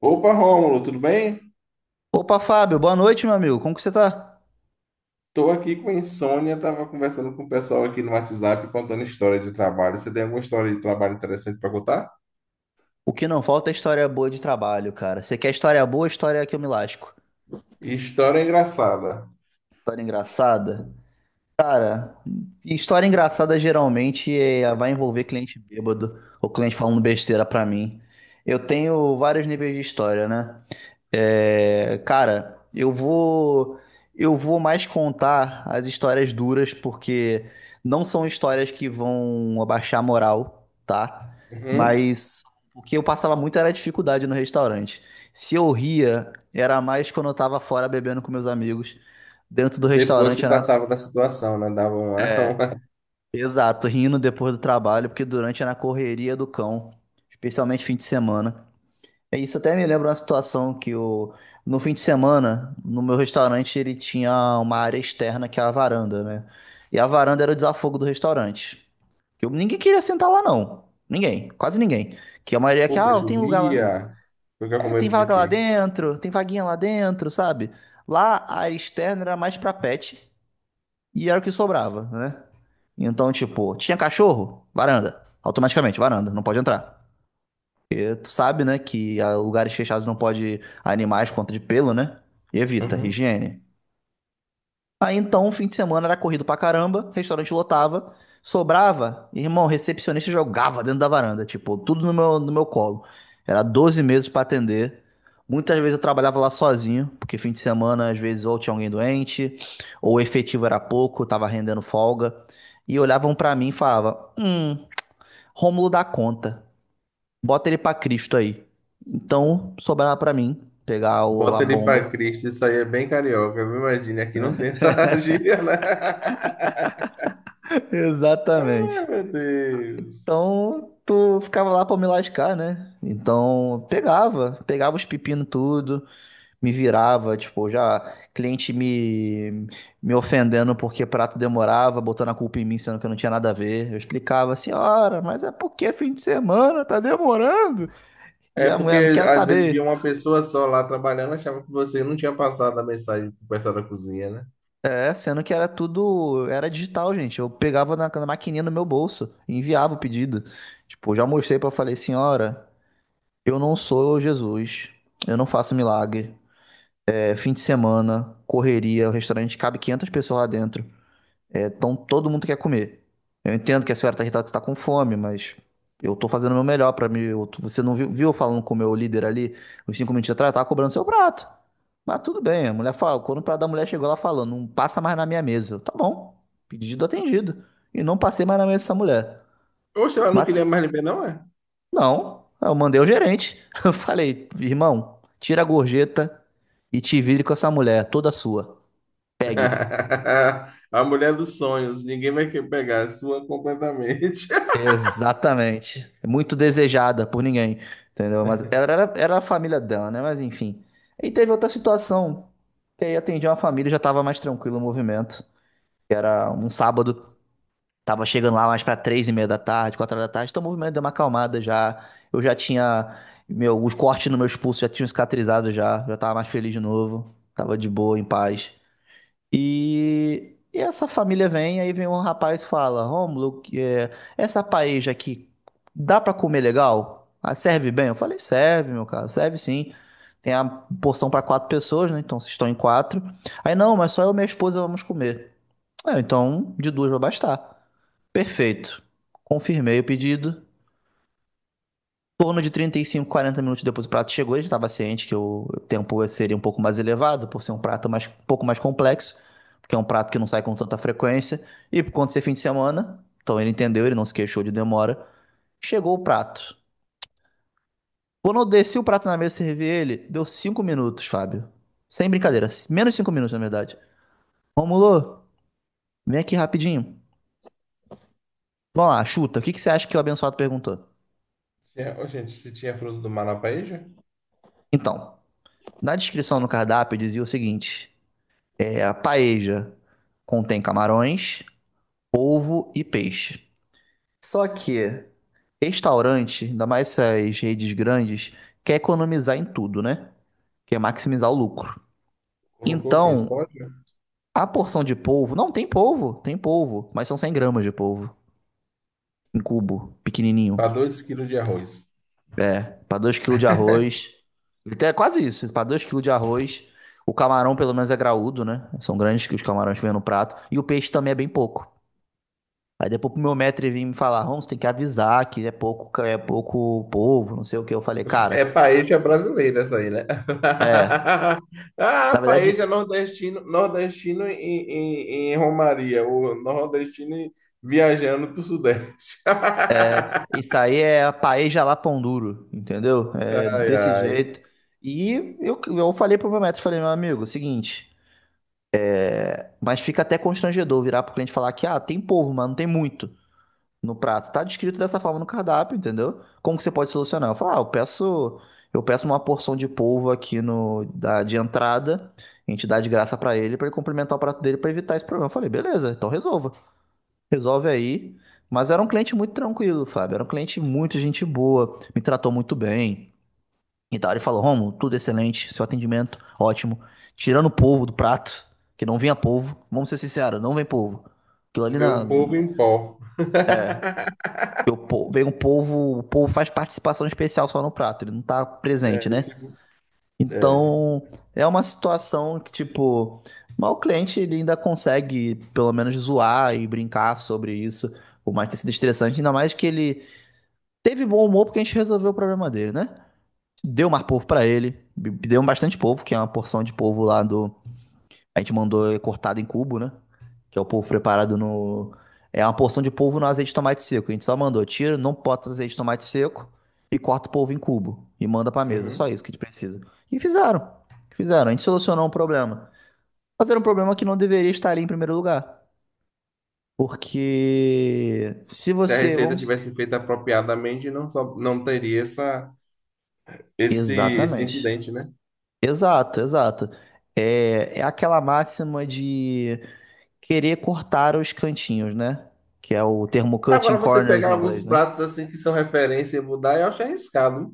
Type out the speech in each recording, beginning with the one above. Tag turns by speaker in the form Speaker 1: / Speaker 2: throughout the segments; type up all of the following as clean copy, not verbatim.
Speaker 1: Opa, Rômulo, tudo bem?
Speaker 2: Opa, Fábio, boa noite, meu amigo. Como que você tá?
Speaker 1: Tô aqui com insônia, tava conversando com o pessoal aqui no WhatsApp contando história de trabalho. Você tem alguma história de trabalho interessante para contar?
Speaker 2: O que não falta é história boa de trabalho, cara. Você quer história boa, história que eu me lasco.
Speaker 1: História engraçada.
Speaker 2: História engraçada? Cara, história engraçada geralmente vai envolver cliente bêbado ou cliente falando besteira pra mim. Eu tenho vários níveis de história, né? É, cara, eu vou mais contar as histórias duras porque não são histórias que vão abaixar a moral, tá?
Speaker 1: Uhum.
Speaker 2: Mas o que eu passava muito era dificuldade no restaurante. Se eu ria, era mais quando eu tava fora bebendo com meus amigos. Dentro do
Speaker 1: Depois
Speaker 2: restaurante
Speaker 1: que
Speaker 2: era
Speaker 1: passava da situação, né? Dava uma, uma...
Speaker 2: exato, rindo depois do trabalho, porque durante era na correria do cão, especialmente fim de semana. É, isso até me lembra uma situação no fim de semana, no meu restaurante, ele tinha uma área externa que é a varanda, né? E a varanda era o desafogo do restaurante. Ninguém queria sentar lá, não. Ninguém, quase ninguém. Que a maioria é que,
Speaker 1: Porque
Speaker 2: ah, tem lugar lá.
Speaker 1: chovia. Fica com
Speaker 2: É, tem
Speaker 1: medo de
Speaker 2: vaga lá
Speaker 1: quê?
Speaker 2: dentro, tem vaguinha lá dentro, sabe? Lá a área externa era mais pra pet e era o que sobrava, né? Então, tipo, tinha cachorro? Varanda. Automaticamente, varanda, não pode entrar. Tu sabe, né, que a lugares fechados não pode animais por conta de pelo, né? E evita,
Speaker 1: Uhum.
Speaker 2: higiene. Aí então, o fim de semana era corrido pra caramba, restaurante lotava, sobrava, irmão, recepcionista jogava dentro da varanda, tipo, tudo no meu colo. Era 12 meses pra atender. Muitas vezes eu trabalhava lá sozinho, porque fim de semana, às vezes, ou tinha alguém doente, ou o efetivo era pouco, tava rendendo folga. E olhavam pra mim e falavam: Rômulo dá conta. Bota ele pra Cristo aí. Então, sobrava pra mim pegar a
Speaker 1: Bota ele pra
Speaker 2: bomba.
Speaker 1: Cristo, isso aí é bem carioca, viu? Imagina, aqui não tem essa gíria, né?
Speaker 2: Exatamente.
Speaker 1: Ai, meu Deus.
Speaker 2: Então, tu ficava lá pra me lascar, né? Então, pegava, pegava os pepinos tudo, me virava, tipo, já cliente me ofendendo porque prato demorava, botando a culpa em mim, sendo que eu não tinha nada a ver. Eu explicava, senhora, mas é porque é fim de semana, tá demorando. E
Speaker 1: É
Speaker 2: a
Speaker 1: porque
Speaker 2: mulher não quer
Speaker 1: às vezes via
Speaker 2: saber.
Speaker 1: uma pessoa só lá trabalhando, achava que você não tinha passado a mensagem pro pessoal da cozinha, né?
Speaker 2: É, sendo que era tudo, era digital, gente. Eu pegava na maquininha no meu bolso e enviava o pedido. Tipo, eu já mostrei pra falei, senhora, eu não sou Jesus, eu não faço milagre. É fim de semana, correria, o restaurante cabe 500 pessoas lá dentro. É, então todo mundo quer comer. Eu entendo que a senhora está irritada, que está com fome, mas eu estou fazendo o meu melhor para mim. Você não viu, viu eu falando com o meu líder ali, uns 5 minutos atrás, eu tava cobrando seu prato. Mas tudo bem, a mulher fala, quando o prato da mulher chegou lá falando, não passa mais na minha mesa. Eu, tá bom, pedido atendido. E não passei mais na mesa dessa mulher.
Speaker 1: Oxe, ela não
Speaker 2: Mas
Speaker 1: queria mais lhe ver, não é?
Speaker 2: não, eu mandei o gerente. Eu falei, irmão, tira a gorjeta e te vire com essa mulher, toda sua.
Speaker 1: A mulher dos sonhos, ninguém vai querer pegar a sua completamente.
Speaker 2: Exatamente. Muito desejada por ninguém, entendeu? Mas ela era, era a família dela, né? Mas enfim. E teve outra situação, que aí atendi uma família, e já tava mais tranquilo o movimento. Que era um sábado, tava chegando lá mais pra 3:30 da tarde, 4 horas da tarde, então o movimento deu uma acalmada já. Eu já tinha, meu, os cortes no meus pulsos já tinham cicatrizado já, já tava mais feliz de novo, tava de boa, em paz. E essa família vem, aí vem um rapaz e fala: Rômulo, que é, essa paella aqui dá pra comer legal? Ah, serve bem? Eu falei: serve, meu caro, serve sim. Tem a porção pra 4 pessoas, né? Então vocês estão em quatro. Aí não, mas só eu e minha esposa vamos comer. É, então de duas vai bastar. Perfeito. Confirmei o pedido torno de 35, 40 minutos depois o prato chegou, ele estava ciente que o tempo seria um pouco mais elevado, por ser um prato mais, um pouco mais complexo, porque é um prato que não sai com tanta frequência, e por conta de ser fim de semana, então ele entendeu, ele não se queixou de demora, chegou o prato. Quando eu desci o prato na mesa e servi ele, deu 5 minutos, Fábio. Sem brincadeira, menos 5 minutos, na verdade. Romulo, vem aqui rapidinho. Vamos lá, chuta, o que, que você acha que o abençoado perguntou?
Speaker 1: É, ô, gente, se tinha fruto do mar na paella,
Speaker 2: Então, na descrição no cardápio dizia o seguinte: é, a paeja contém camarões, polvo e peixe. Só que restaurante, ainda mais essas redes grandes, quer economizar em tudo, né? Quer maximizar o lucro.
Speaker 1: colocou o quê?
Speaker 2: Então,
Speaker 1: Soja?
Speaker 2: a porção de polvo, não tem polvo, tem polvo, mas são 100 gramas de polvo em cubo,
Speaker 1: Para
Speaker 2: pequenininho.
Speaker 1: dois quilos de arroz.
Speaker 2: É, para 2 quilos de arroz. É quase isso, para 2 quilos de arroz. O camarão, pelo menos, é graúdo, né? São grandes que os camarões que vêm no prato. E o peixe também é bem pouco. Aí depois pro meu mestre vir me falar, Holmes, tem que avisar que é pouco povo, não sei o que. Eu falei,
Speaker 1: Oxe, é
Speaker 2: cara,
Speaker 1: paella brasileira essa aí, né? Ah,
Speaker 2: na
Speaker 1: paella
Speaker 2: verdade,
Speaker 1: nordestino, nordestino em Romaria, ou nordestino em- viajando para o Sudeste.
Speaker 2: isso aí é a paeja lá pão duro, entendeu? É
Speaker 1: Ai,
Speaker 2: desse
Speaker 1: ai.
Speaker 2: jeito. E eu falei pro meu mestre, falei, meu amigo, seguinte, mas fica até constrangedor virar pro cliente e falar que, ah, tem povo, mas não tem muito. No prato. Tá descrito dessa forma no cardápio, entendeu? Como que você pode solucionar? Eu falo, ah, eu peço uma porção de polvo aqui no da de entrada, a gente dá de graça pra ele complementar o prato dele pra evitar esse problema. Eu falei, beleza, então resolva. Resolve aí. Mas era um cliente muito tranquilo, Fábio. Era um cliente muito gente boa, me tratou muito bem. Então ele falou, Romo, tudo excelente, seu atendimento ótimo. Tirando o polvo do prato, que não vinha polvo. Vamos ser sinceros, não vem polvo. Aquilo ali
Speaker 1: Vê
Speaker 2: na,
Speaker 1: o povo em pó.
Speaker 2: o povo, vem o povo faz participação especial só no prato, ele não tá presente,
Speaker 1: É,
Speaker 2: né?
Speaker 1: tipo, é.
Speaker 2: Então, é uma situação que, tipo, mas o cliente ele ainda consegue, pelo menos, zoar e brincar sobre isso, por mais ter sido estressante, ainda mais que ele teve bom humor porque a gente resolveu o problema dele, né? Deu mais povo para ele, deu bastante povo, que é uma porção de povo lá do, a gente mandou cortado em cubo, né? Que é o polvo preparado no. É uma porção de polvo no azeite de tomate seco. A gente só mandou, tira, não bota azeite de tomate seco e corta o polvo em cubo e manda pra mesa. É só
Speaker 1: Uhum.
Speaker 2: isso que a gente precisa. E fizeram. Fizeram. A gente solucionou um problema. Mas era um problema que não deveria estar ali em primeiro lugar. Porque se
Speaker 1: Se a
Speaker 2: você.
Speaker 1: receita
Speaker 2: Vamos.
Speaker 1: tivesse feita apropriadamente, não, só, não teria essa, esse
Speaker 2: Exatamente.
Speaker 1: incidente, né?
Speaker 2: Exato, exato. É, é aquela máxima de querer cortar os cantinhos, né? Que é o termo
Speaker 1: Agora,
Speaker 2: cutting
Speaker 1: você
Speaker 2: corners
Speaker 1: pegar
Speaker 2: em inglês,
Speaker 1: alguns
Speaker 2: né?
Speaker 1: pratos assim que são referência e mudar, eu acho arriscado.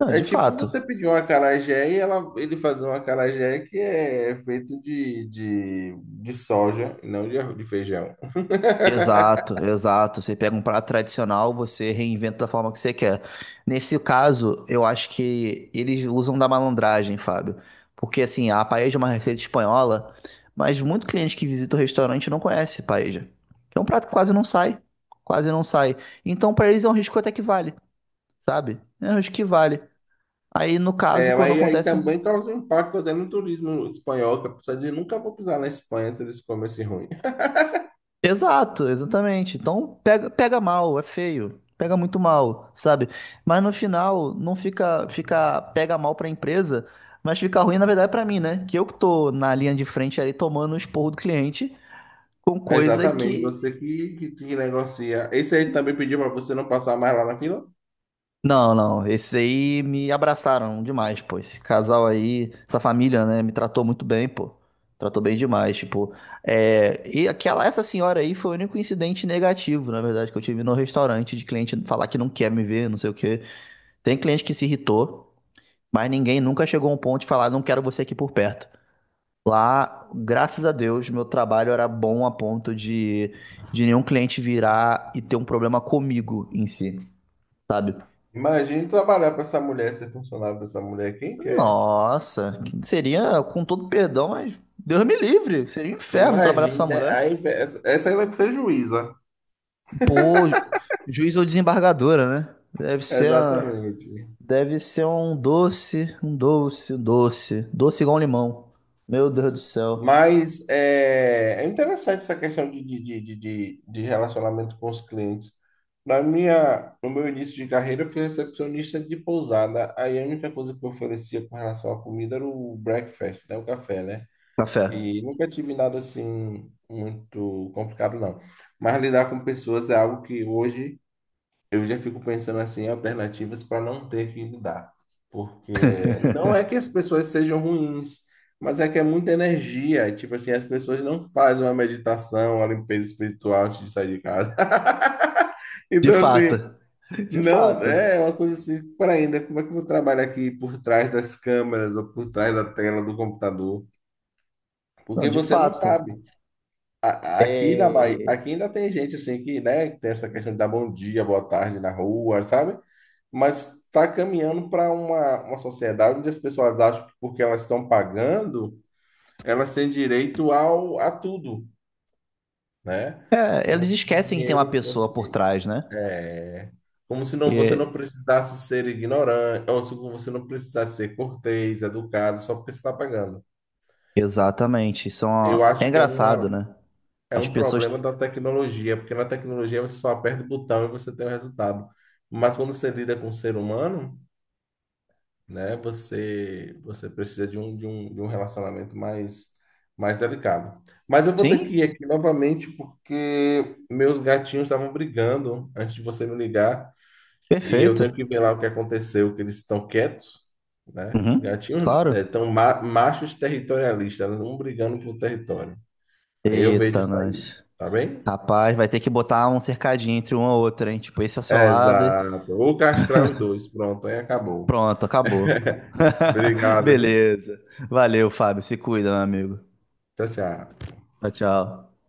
Speaker 2: Não,
Speaker 1: É
Speaker 2: de
Speaker 1: tipo
Speaker 2: fato.
Speaker 1: você pedir uma acarajé e ela, ele fazer um acarajé que é feito de soja, e não de, arroz- de feijão.
Speaker 2: Exato, exato. Você pega um prato tradicional, você reinventa da forma que você quer. Nesse caso, eu acho que eles usam da malandragem, Fábio. Porque assim, a paella é uma receita espanhola, mas muito cliente que visita o restaurante não conhece paella. É um prato que quase não sai, quase não sai. Então, para eles é um risco até que vale. Sabe? Eu acho que vale. Aí, no caso,
Speaker 1: É,
Speaker 2: quando
Speaker 1: mas aí
Speaker 2: acontece. Um
Speaker 1: também causa um impacto até no turismo espanhol, que a pessoa diz, nunca vou pisar na Espanha se eles comem esse ruim.
Speaker 2: exato, exatamente. Então, pega, pega mal, é feio. Pega muito mal, sabe? Mas no final, não fica, fica pega mal pra empresa, mas fica ruim, na verdade, pra mim, né? Que eu que tô na linha de frente ali tomando o esporro do cliente com
Speaker 1: É,
Speaker 2: coisa
Speaker 1: exatamente,
Speaker 2: que
Speaker 1: você que negocia. Esse aí também pediu para você não passar mais lá na fila?
Speaker 2: não, não. Esses aí me abraçaram demais, pô. Esse casal aí, essa família, né, me tratou muito bem, pô. Tratou bem demais, tipo. É... E essa senhora aí foi o único incidente negativo, na verdade, que eu tive no restaurante de cliente falar que não quer me ver, não sei o quê. Tem cliente que se irritou, mas ninguém nunca chegou a um ponto de falar, não quero você aqui por perto. Lá, graças a Deus, meu trabalho era bom a ponto de nenhum cliente virar e ter um problema comigo em si sabe?
Speaker 1: Imagine trabalhar para essa mulher, ser funcionário dessa mulher, quem quer?
Speaker 2: Nossa, que seria, com todo perdão, mas Deus me livre, seria um inferno trabalhar pra essa
Speaker 1: Imagine, né?
Speaker 2: mulher.
Speaker 1: Aí, essa aí vai ser juíza.
Speaker 2: Pô, juiz ou desembargadora, né?
Speaker 1: Exatamente.
Speaker 2: Deve ser um doce, um doce, um doce, doce igual um limão. Meu Deus do céu.
Speaker 1: Mas é, é interessante essa questão de relacionamento com os clientes. No meu início de carreira, eu fui recepcionista de pousada. Aí a única coisa que eu oferecia com relação à comida era o breakfast, né? O café, né?
Speaker 2: Café.
Speaker 1: E nunca tive nada assim muito complicado, não. Mas lidar com pessoas é algo que hoje eu já fico pensando assim em alternativas para não ter que lidar. Porque não é que as pessoas sejam ruins, mas é que é muita energia. Tipo assim, as pessoas não fazem uma meditação, uma limpeza espiritual antes de sair de casa.
Speaker 2: De
Speaker 1: Então, assim,
Speaker 2: fato. De
Speaker 1: não
Speaker 2: fato.
Speaker 1: é uma coisa assim, para ainda, como é que eu vou trabalhar aqui por trás das câmeras ou por trás da tela do computador?
Speaker 2: Não,
Speaker 1: Porque
Speaker 2: de
Speaker 1: você não
Speaker 2: fato.
Speaker 1: sabe. A- aqui na Bahia,
Speaker 2: É,
Speaker 1: aqui ainda tem gente assim que, né, tem essa questão de dar bom dia, boa tarde na rua, sabe? Mas está caminhando para uma sociedade onde as pessoas acham que porque elas estão pagando, elas têm direito ao, a tudo, né?
Speaker 2: é,
Speaker 1: Como
Speaker 2: eles
Speaker 1: se o
Speaker 2: esquecem que tem uma
Speaker 1: dinheiro
Speaker 2: pessoa por
Speaker 1: fosse,
Speaker 2: trás, né?
Speaker 1: é, como se não, você não
Speaker 2: É,
Speaker 1: precisasse ser ignorante, ou se você não precisasse ser cortês, educado, só porque você está pagando.
Speaker 2: exatamente. Isso é,
Speaker 1: Eu
Speaker 2: uma- é
Speaker 1: acho que é
Speaker 2: engraçado,
Speaker 1: uma,
Speaker 2: né?
Speaker 1: é
Speaker 2: As
Speaker 1: um
Speaker 2: pessoas.
Speaker 1: problema da tecnologia, porque na tecnologia você só aperta o botão e você tem o resultado. Mas quando você lida com o ser humano, né? Você precisa de um, de um relacionamento mais delicado. Mas eu vou ter que
Speaker 2: Sim,
Speaker 1: ir aqui novamente porque meus gatinhos estavam brigando antes de você me ligar e eu tenho
Speaker 2: perfeito.
Speaker 1: que ver lá o que aconteceu, que eles estão quietos, né?
Speaker 2: Uhum,
Speaker 1: Gatinhos, né,
Speaker 2: claro.
Speaker 1: tão ma- machos territorialistas, um brigando por território. Aí eu vejo
Speaker 2: Eita,
Speaker 1: isso aí,
Speaker 2: nós.
Speaker 1: tá bem?
Speaker 2: Rapaz, vai ter que botar um cercadinho entre uma e outra, hein? Tipo, esse é o seu
Speaker 1: É,
Speaker 2: lado.
Speaker 1: exato. Ou castrar os dois, pronto, aí acabou.
Speaker 2: Pronto, acabou.
Speaker 1: Obrigado, viu?
Speaker 2: Beleza. Valeu, Fábio. Se cuida, meu amigo.
Speaker 1: Tchau, tchau.
Speaker 2: Tchau, tchau.